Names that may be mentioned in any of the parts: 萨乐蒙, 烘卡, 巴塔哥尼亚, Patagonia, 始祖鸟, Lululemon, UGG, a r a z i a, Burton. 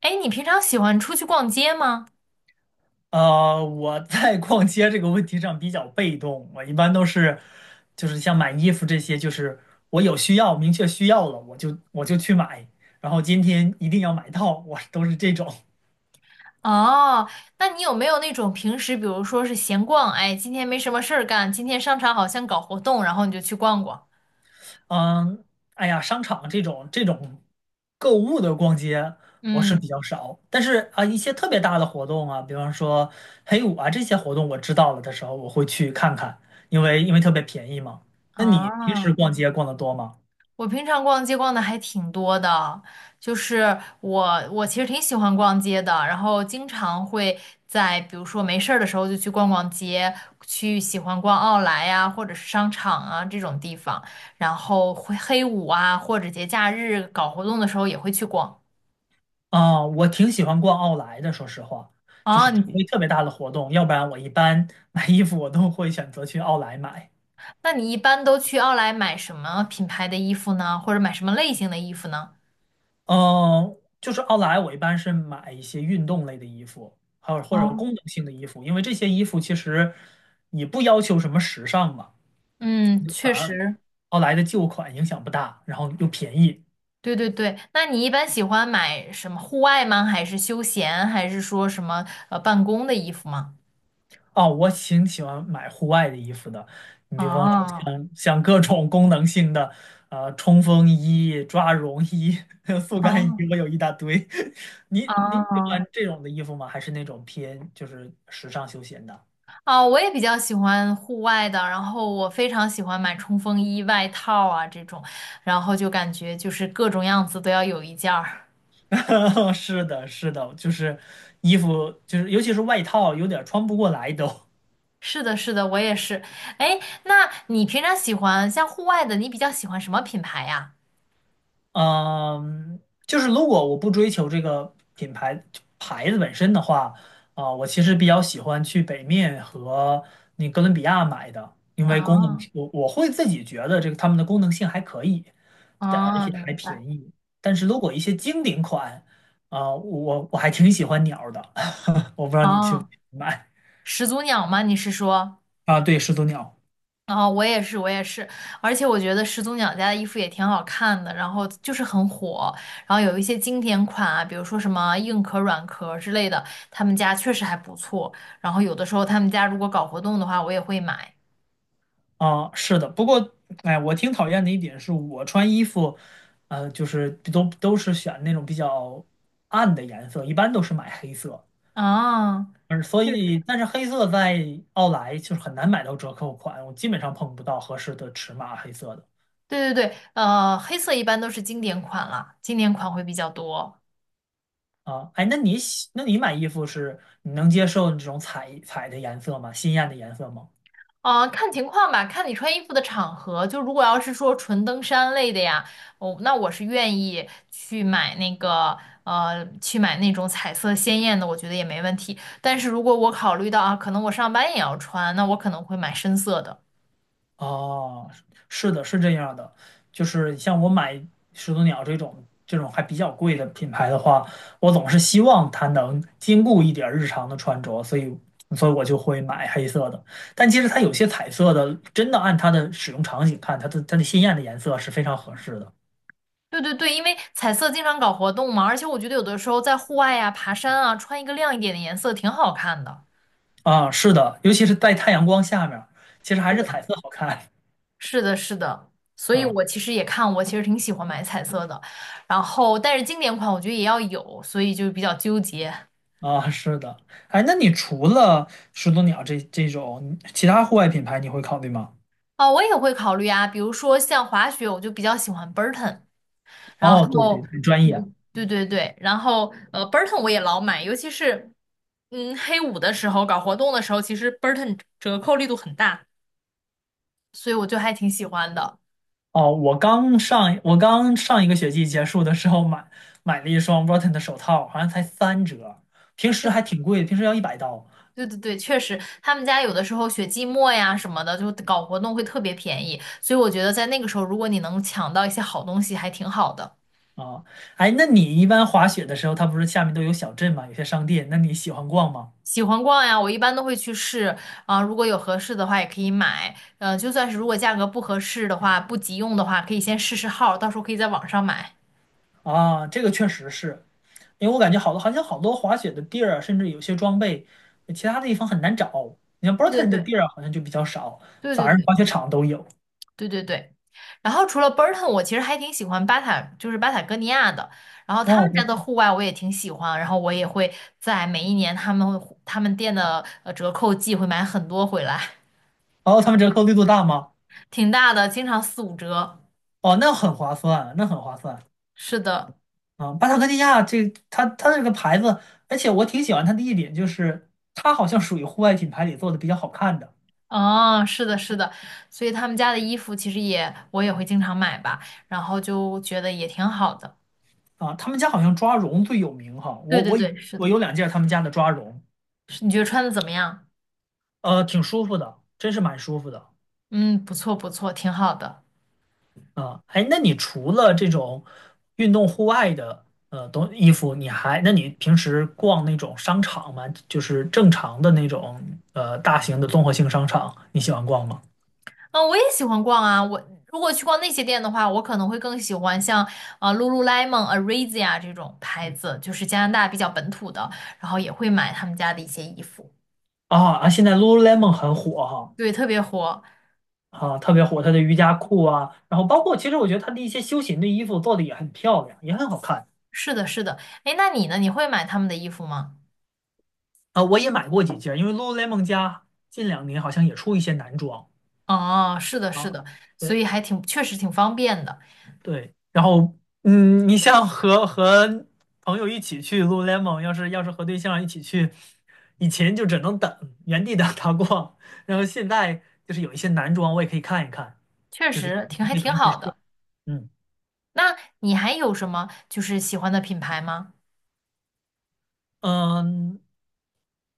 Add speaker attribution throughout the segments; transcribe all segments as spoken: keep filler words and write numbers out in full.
Speaker 1: 哎，你平常喜欢出去逛街吗？
Speaker 2: 呃，我在逛街这个问题上比较被动，我一般都是，就是像买衣服这些，就是我有需要，明确需要了，我就我就去买，然后今天一定要买到，我都是这种。
Speaker 1: 哦，那你有没有那种平时，比如说是闲逛，哎，今天没什么事儿干，今天商场好像搞活动，然后你就去逛逛。
Speaker 2: 嗯，哎呀，商场这种这种购物的逛街我是
Speaker 1: 嗯，
Speaker 2: 比较少，但是啊，一些特别大的活动啊，比方说黑五啊这些活动，我知道了的时候我会去看看，因为因为特别便宜嘛。那你平时
Speaker 1: 啊，
Speaker 2: 逛街逛得多吗？
Speaker 1: 我平常逛街逛的还挺多的，就是我我其实挺喜欢逛街的，然后经常会在比如说没事儿的时候就去逛逛街，去喜欢逛奥莱呀，或者是商场啊这种地方，然后会黑五啊，或者节假日搞活动的时候也会去逛。
Speaker 2: 啊，我挺喜欢逛奥莱的，说实话，就
Speaker 1: 哦，
Speaker 2: 是除非
Speaker 1: 你
Speaker 2: 特别大的活动，要不然我一般买衣服我都会选择去奥莱买。
Speaker 1: 那你一般都去奥莱买什么品牌的衣服呢？或者买什么类型的衣服呢？
Speaker 2: 嗯，就是奥莱，我一般是买一些运动类的衣服，还有或者
Speaker 1: 哦，
Speaker 2: 功能性的衣服，因为这些衣服其实也不要求什么时尚嘛，
Speaker 1: 嗯，
Speaker 2: 就反
Speaker 1: 确
Speaker 2: 而
Speaker 1: 实，
Speaker 2: 奥莱的旧款影响不大，然后又便宜。
Speaker 1: 对对对。那你一般喜欢买什么户外吗？还是休闲？还是说什么呃办公的衣服吗？
Speaker 2: 哦，我挺喜欢买户外的衣服的，你比方说
Speaker 1: 哦
Speaker 2: 像像各种功能性的，呃，冲锋衣、抓绒衣、速干衣，
Speaker 1: 哦
Speaker 2: 我有一大堆。你你喜
Speaker 1: 哦
Speaker 2: 欢这种的衣服吗？还是那种偏就是时尚休闲的？
Speaker 1: 哦，我也比较喜欢户外的，然后我非常喜欢买冲锋衣、外套啊这种，然后就感觉就是各种样子都要有一件儿。
Speaker 2: 是的，是的，就是衣服，就是尤其是外套，有点穿不过来都。
Speaker 1: 是的，是的，我也是。哎，那你平常喜欢像户外的，你比较喜欢什么品牌呀？
Speaker 2: 嗯，就是如果我不追求这个品牌牌子本身的话，啊、我其实比较喜欢去北面和那哥伦比亚买的，因为功能，
Speaker 1: 啊，
Speaker 2: 我我会自己觉得这个它们的功能性还可以，但而
Speaker 1: 啊，
Speaker 2: 且还
Speaker 1: 明白。
Speaker 2: 便宜。但是如果一些经典款，啊、我我还挺喜欢鸟儿的，我不知道你去不
Speaker 1: 啊，
Speaker 2: 去买。
Speaker 1: 始祖鸟吗？你是说？
Speaker 2: 啊？对，始祖鸟。
Speaker 1: 啊，我也是，我也是。而且我觉得始祖鸟家的衣服也挺好看的，然后就是很火。然后有一些经典款啊，比如说什么硬壳、软壳之类的，他们家确实还不错。然后有的时候他们家如果搞活动的话，我也会买。
Speaker 2: 啊，是的，不过，哎，我挺讨厌的一点是我穿衣服，呃，就是都都是选那种比较暗的颜色，一般都是买黑色，
Speaker 1: 啊。
Speaker 2: 而所
Speaker 1: 确实。
Speaker 2: 以，但是黑色在奥莱就是很难买到折扣款，我基本上碰不到合适的尺码黑色的。
Speaker 1: 对对对，呃，黑色一般都是经典款了，经典款会比较多。
Speaker 2: 啊。哎，那你喜那你买衣服是你能接受这种彩彩的颜色吗？鲜艳的颜色吗？
Speaker 1: 啊，看情况吧，看你穿衣服的场合。就如果要是说纯登山类的呀，哦，那我是愿意去买那个，呃，去买那种彩色鲜艳的，我觉得也没问题。但是如果我考虑到啊，可能我上班也要穿，那我可能会买深色的。
Speaker 2: 哦，是的，是这样的，就是像我买始祖鸟这种这种还比较贵的品牌的话，我总是希望它能兼顾一点儿日常的穿着，所以所以我就会买黑色的。但其实它有些彩色的，真的按它的使用场景看，它的它的鲜艳的颜色是非常合适的。
Speaker 1: 对对对，因为彩色经常搞活动嘛，而且我觉得有的时候在户外呀、爬山啊，穿一个亮一点的颜色挺好看的。
Speaker 2: 啊，是的，尤其是在太阳光下面儿其实还
Speaker 1: 是
Speaker 2: 是
Speaker 1: 的。
Speaker 2: 彩色好看。
Speaker 1: 是的，是的，所以
Speaker 2: 啊。
Speaker 1: 我其实也看，我其实挺喜欢买彩色的，然后但是经典款我觉得也要有，所以就比较纠结。
Speaker 2: 啊，是的，哎，那你除了始祖鸟这这种其他户外品牌，你会考虑吗？
Speaker 1: 啊。我也会考虑啊，比如说像滑雪，我就比较喜欢 Burton，然
Speaker 2: 哦，对对，
Speaker 1: 后，
Speaker 2: 很专业。
Speaker 1: 嗯对对对，然后呃 Burton 我也老买，尤其是嗯黑五的时候搞活动的时候，其实 Burton 折扣力度很大，所以我就还挺喜欢的。
Speaker 2: 哦，我刚上我刚上一个学期结束的时候买买了一双 b u r t o n 的手套，好像才三折，平时还挺贵，平时要一百刀。
Speaker 1: 对对对，确实，他们家有的时候雪季末呀什么的，就搞活动会特别便宜，所以我觉得在那个时候，如果你能抢到一些好东西，还挺好的。
Speaker 2: 啊。哎，那你一般滑雪的时候，它不是下面都有小镇嘛，有些商店，那你喜欢逛吗？
Speaker 1: 喜欢逛呀，我一般都会去试啊，如果有合适的话也可以买，呃，就算是如果价格不合适的话，不急用的话，可以先试试号，到时候可以在网上买。
Speaker 2: 啊，这个确实是，因为我感觉好多好像好多滑雪的地儿啊，甚至有些装备，其他的地方很难找。你像
Speaker 1: 对对
Speaker 2: Burton 的
Speaker 1: 对
Speaker 2: 地儿啊好像就比较少，
Speaker 1: 对
Speaker 2: 反
Speaker 1: 对
Speaker 2: 而
Speaker 1: 对。
Speaker 2: 滑雪场都有。
Speaker 1: 对对对。然后除了 Burton，我其实还挺喜欢巴塔，就是巴塔哥尼亚的。然后他
Speaker 2: 哦，
Speaker 1: 们家的
Speaker 2: 我
Speaker 1: 户外我也挺喜欢，然后我也会在每一年他们会他们店的呃折扣季会买很多回来，
Speaker 2: 哦，他们折扣力度大吗？
Speaker 1: 挺大的，经常四五折。
Speaker 2: 哦，那很划算，那很划算。
Speaker 1: 是的，
Speaker 2: 啊！巴塔哥尼亚这它它这个牌子，而且我挺喜欢它的一点就是，它好像属于户外品牌里做的比较好看的。
Speaker 1: 嗯，是的，是的，所以他们家的衣服其实也我也会经常买吧，然后就觉得也挺好的。
Speaker 2: 啊。他们家好像抓绒最有名哈，
Speaker 1: 对
Speaker 2: 我
Speaker 1: 对
Speaker 2: 我以
Speaker 1: 对，是
Speaker 2: 我
Speaker 1: 的，
Speaker 2: 有两件他们家的抓绒，
Speaker 1: 是你觉得穿的怎么样？
Speaker 2: 呃，挺舒服的，真是蛮舒服的。
Speaker 1: 嗯，不错不错，挺好的。
Speaker 2: 啊。哎，那你除了这种运动户外的呃东衣服，你还那你平时逛那种商场吗？就是正常的那种呃大型的综合性商场，你喜欢逛吗？
Speaker 1: 嗯，我也喜欢逛啊。我如果去逛那些店的话，我可能会更喜欢像啊、呃 Lululemon、a r a z i a 这种牌子，就是加拿大比较本土的，然后也会买他们家的一些衣服。
Speaker 2: 啊啊！现在 Lululemon 很火哈。
Speaker 1: 对，特别火。
Speaker 2: 啊，特别火，它的瑜伽裤啊，然后包括其实我觉得它的一些休闲的衣服做的也很漂亮，也很好看。
Speaker 1: 是的，是的。哎，那你呢？你会买他们的衣服吗？
Speaker 2: 啊。我也买过几件，因为 Lululemon 家近两年好像也出一些男装。
Speaker 1: 哦，是的，是
Speaker 2: 啊。
Speaker 1: 的。所
Speaker 2: 对
Speaker 1: 以还挺，确实挺方便的，
Speaker 2: 对，然后嗯，你像和和朋友一起去 Lululemon，要是要是和对象一起去，以前就只能等原地等他逛，然后现在就是有一些男装我也可以看一看，
Speaker 1: 确
Speaker 2: 就是
Speaker 1: 实挺还
Speaker 2: 可以
Speaker 1: 挺
Speaker 2: 同时。
Speaker 1: 好的。
Speaker 2: 嗯。
Speaker 1: 那你还有什么就是喜欢的品牌吗？
Speaker 2: 嗯，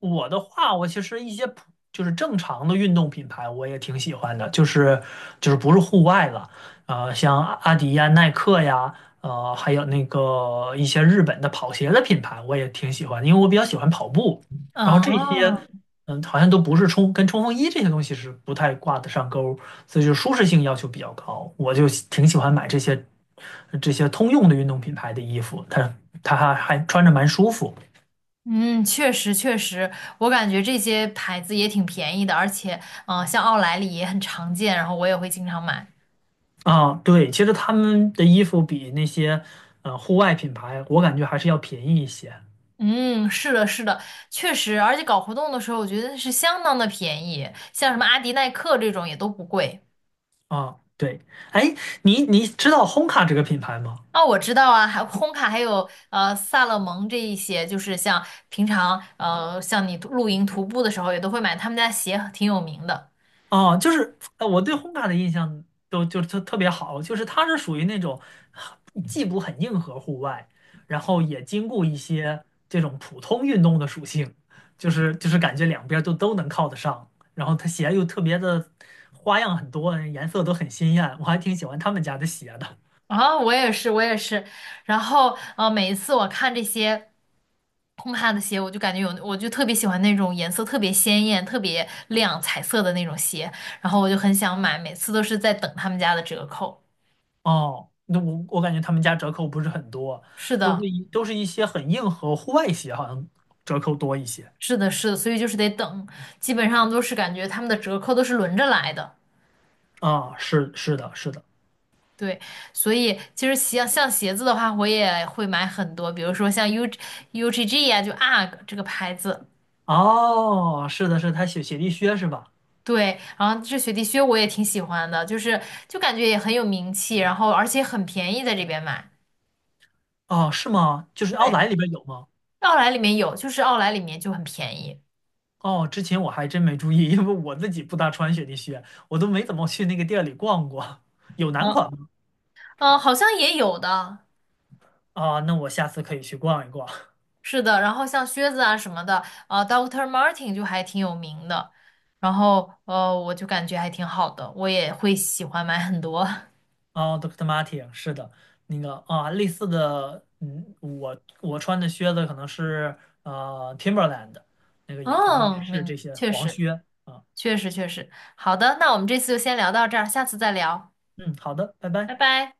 Speaker 2: 我的话，我其实一些普就是正常的运动品牌，我也挺喜欢的，就是就是不是户外了，呃，像阿阿迪呀、耐克呀，呃，还有那个一些日本的跑鞋的品牌，我也挺喜欢的因为我比较喜欢跑步。然后这些，
Speaker 1: 哦，
Speaker 2: 嗯，好像都不是冲跟冲锋衣这些东西是不太挂得上钩儿，所以就舒适性要求比较高，我就喜挺喜欢买这些这些通用的运动品牌的衣服，它它还还穿着蛮舒服。
Speaker 1: 嗯，确实确实，我感觉这些牌子也挺便宜的，而且，嗯、像奥莱里也很常见，然后我也会经常买。
Speaker 2: 啊，对，其实他们的衣服比那些呃户外品牌，我感觉还是要便宜一些。
Speaker 1: 嗯，是的，是的，确实，而且搞活动的时候，我觉得是相当的便宜，像什么阿迪、耐克这种也都不贵。
Speaker 2: 啊。对，哎，你你知道 h 卡这个品牌吗？
Speaker 1: 哦，我知道啊，还烘卡，还有呃萨乐蒙这一些，就是像平常呃像你露营徒步的时候，也都会买他们家鞋，挺有名的。
Speaker 2: 啊，就是呃我对 h 卡的印象都就特特别好，就是它是属于那种既不很硬核户外，然后也兼顾一些这种普通运动的属性，就是就是感觉两边儿都都能靠得上，然后它鞋又特别的花样很多，颜色都很鲜艳，我还挺喜欢他们家的鞋的。
Speaker 1: 啊，我也是，我也是。然后，呃，每一次我看这些烘咖的鞋，我就感觉有，我就特别喜欢那种颜色特别鲜艳、特别亮、彩色的那种鞋，然后我就很想买，每次都是在等他们家的折扣。
Speaker 2: 哦，那我我感觉他们家折扣不是很多，
Speaker 1: 是
Speaker 2: 都是
Speaker 1: 的，
Speaker 2: 一都是一些很硬核户外鞋，好像折扣多一些。
Speaker 1: 是的，是的，所以就是得等，基本上都是感觉他们的折扣都是轮着来的。
Speaker 2: 啊、是是的，是的。
Speaker 1: 对，所以其实像像鞋子的话，我也会买很多，比如说像 U UGG 呀、就 UGG 啊这个牌子。
Speaker 2: 哦，是的是的，他雪雪地靴是吧？
Speaker 1: 对，然后这雪地靴我也挺喜欢的，就是就感觉也很有名气，然后而且很便宜，在这边买。
Speaker 2: 哦，是吗？就是奥
Speaker 1: 对，
Speaker 2: 莱里边有吗？
Speaker 1: 奥莱里面有，就是奥莱里面就很便宜。
Speaker 2: 哦，之前我还真没注意，因为我自己不大穿雪地靴，我都没怎么去那个店里逛过。有男
Speaker 1: 嗯
Speaker 2: 款吗？
Speaker 1: 嗯，好像也有的，
Speaker 2: 啊、那我下次可以去逛一逛。
Speaker 1: 是的。然后像靴子啊什么的，呃，doctor o o c t Martin 就还挺有名的，然后呃，我就感觉还挺好的，我也会喜欢买很多。
Speaker 2: 哦，D R o o c t Martin，是的，那个啊，类似的，嗯，我我穿的靴子可能是呃 Timberland，那个也反正也
Speaker 1: 嗯，
Speaker 2: 是
Speaker 1: 明，
Speaker 2: 这些
Speaker 1: 确
Speaker 2: 黄
Speaker 1: 实，
Speaker 2: 靴啊。
Speaker 1: 确实，确实。好的，那我们这次就先聊到这儿，下次再聊，
Speaker 2: 嗯，好的，拜
Speaker 1: 拜
Speaker 2: 拜。
Speaker 1: 拜。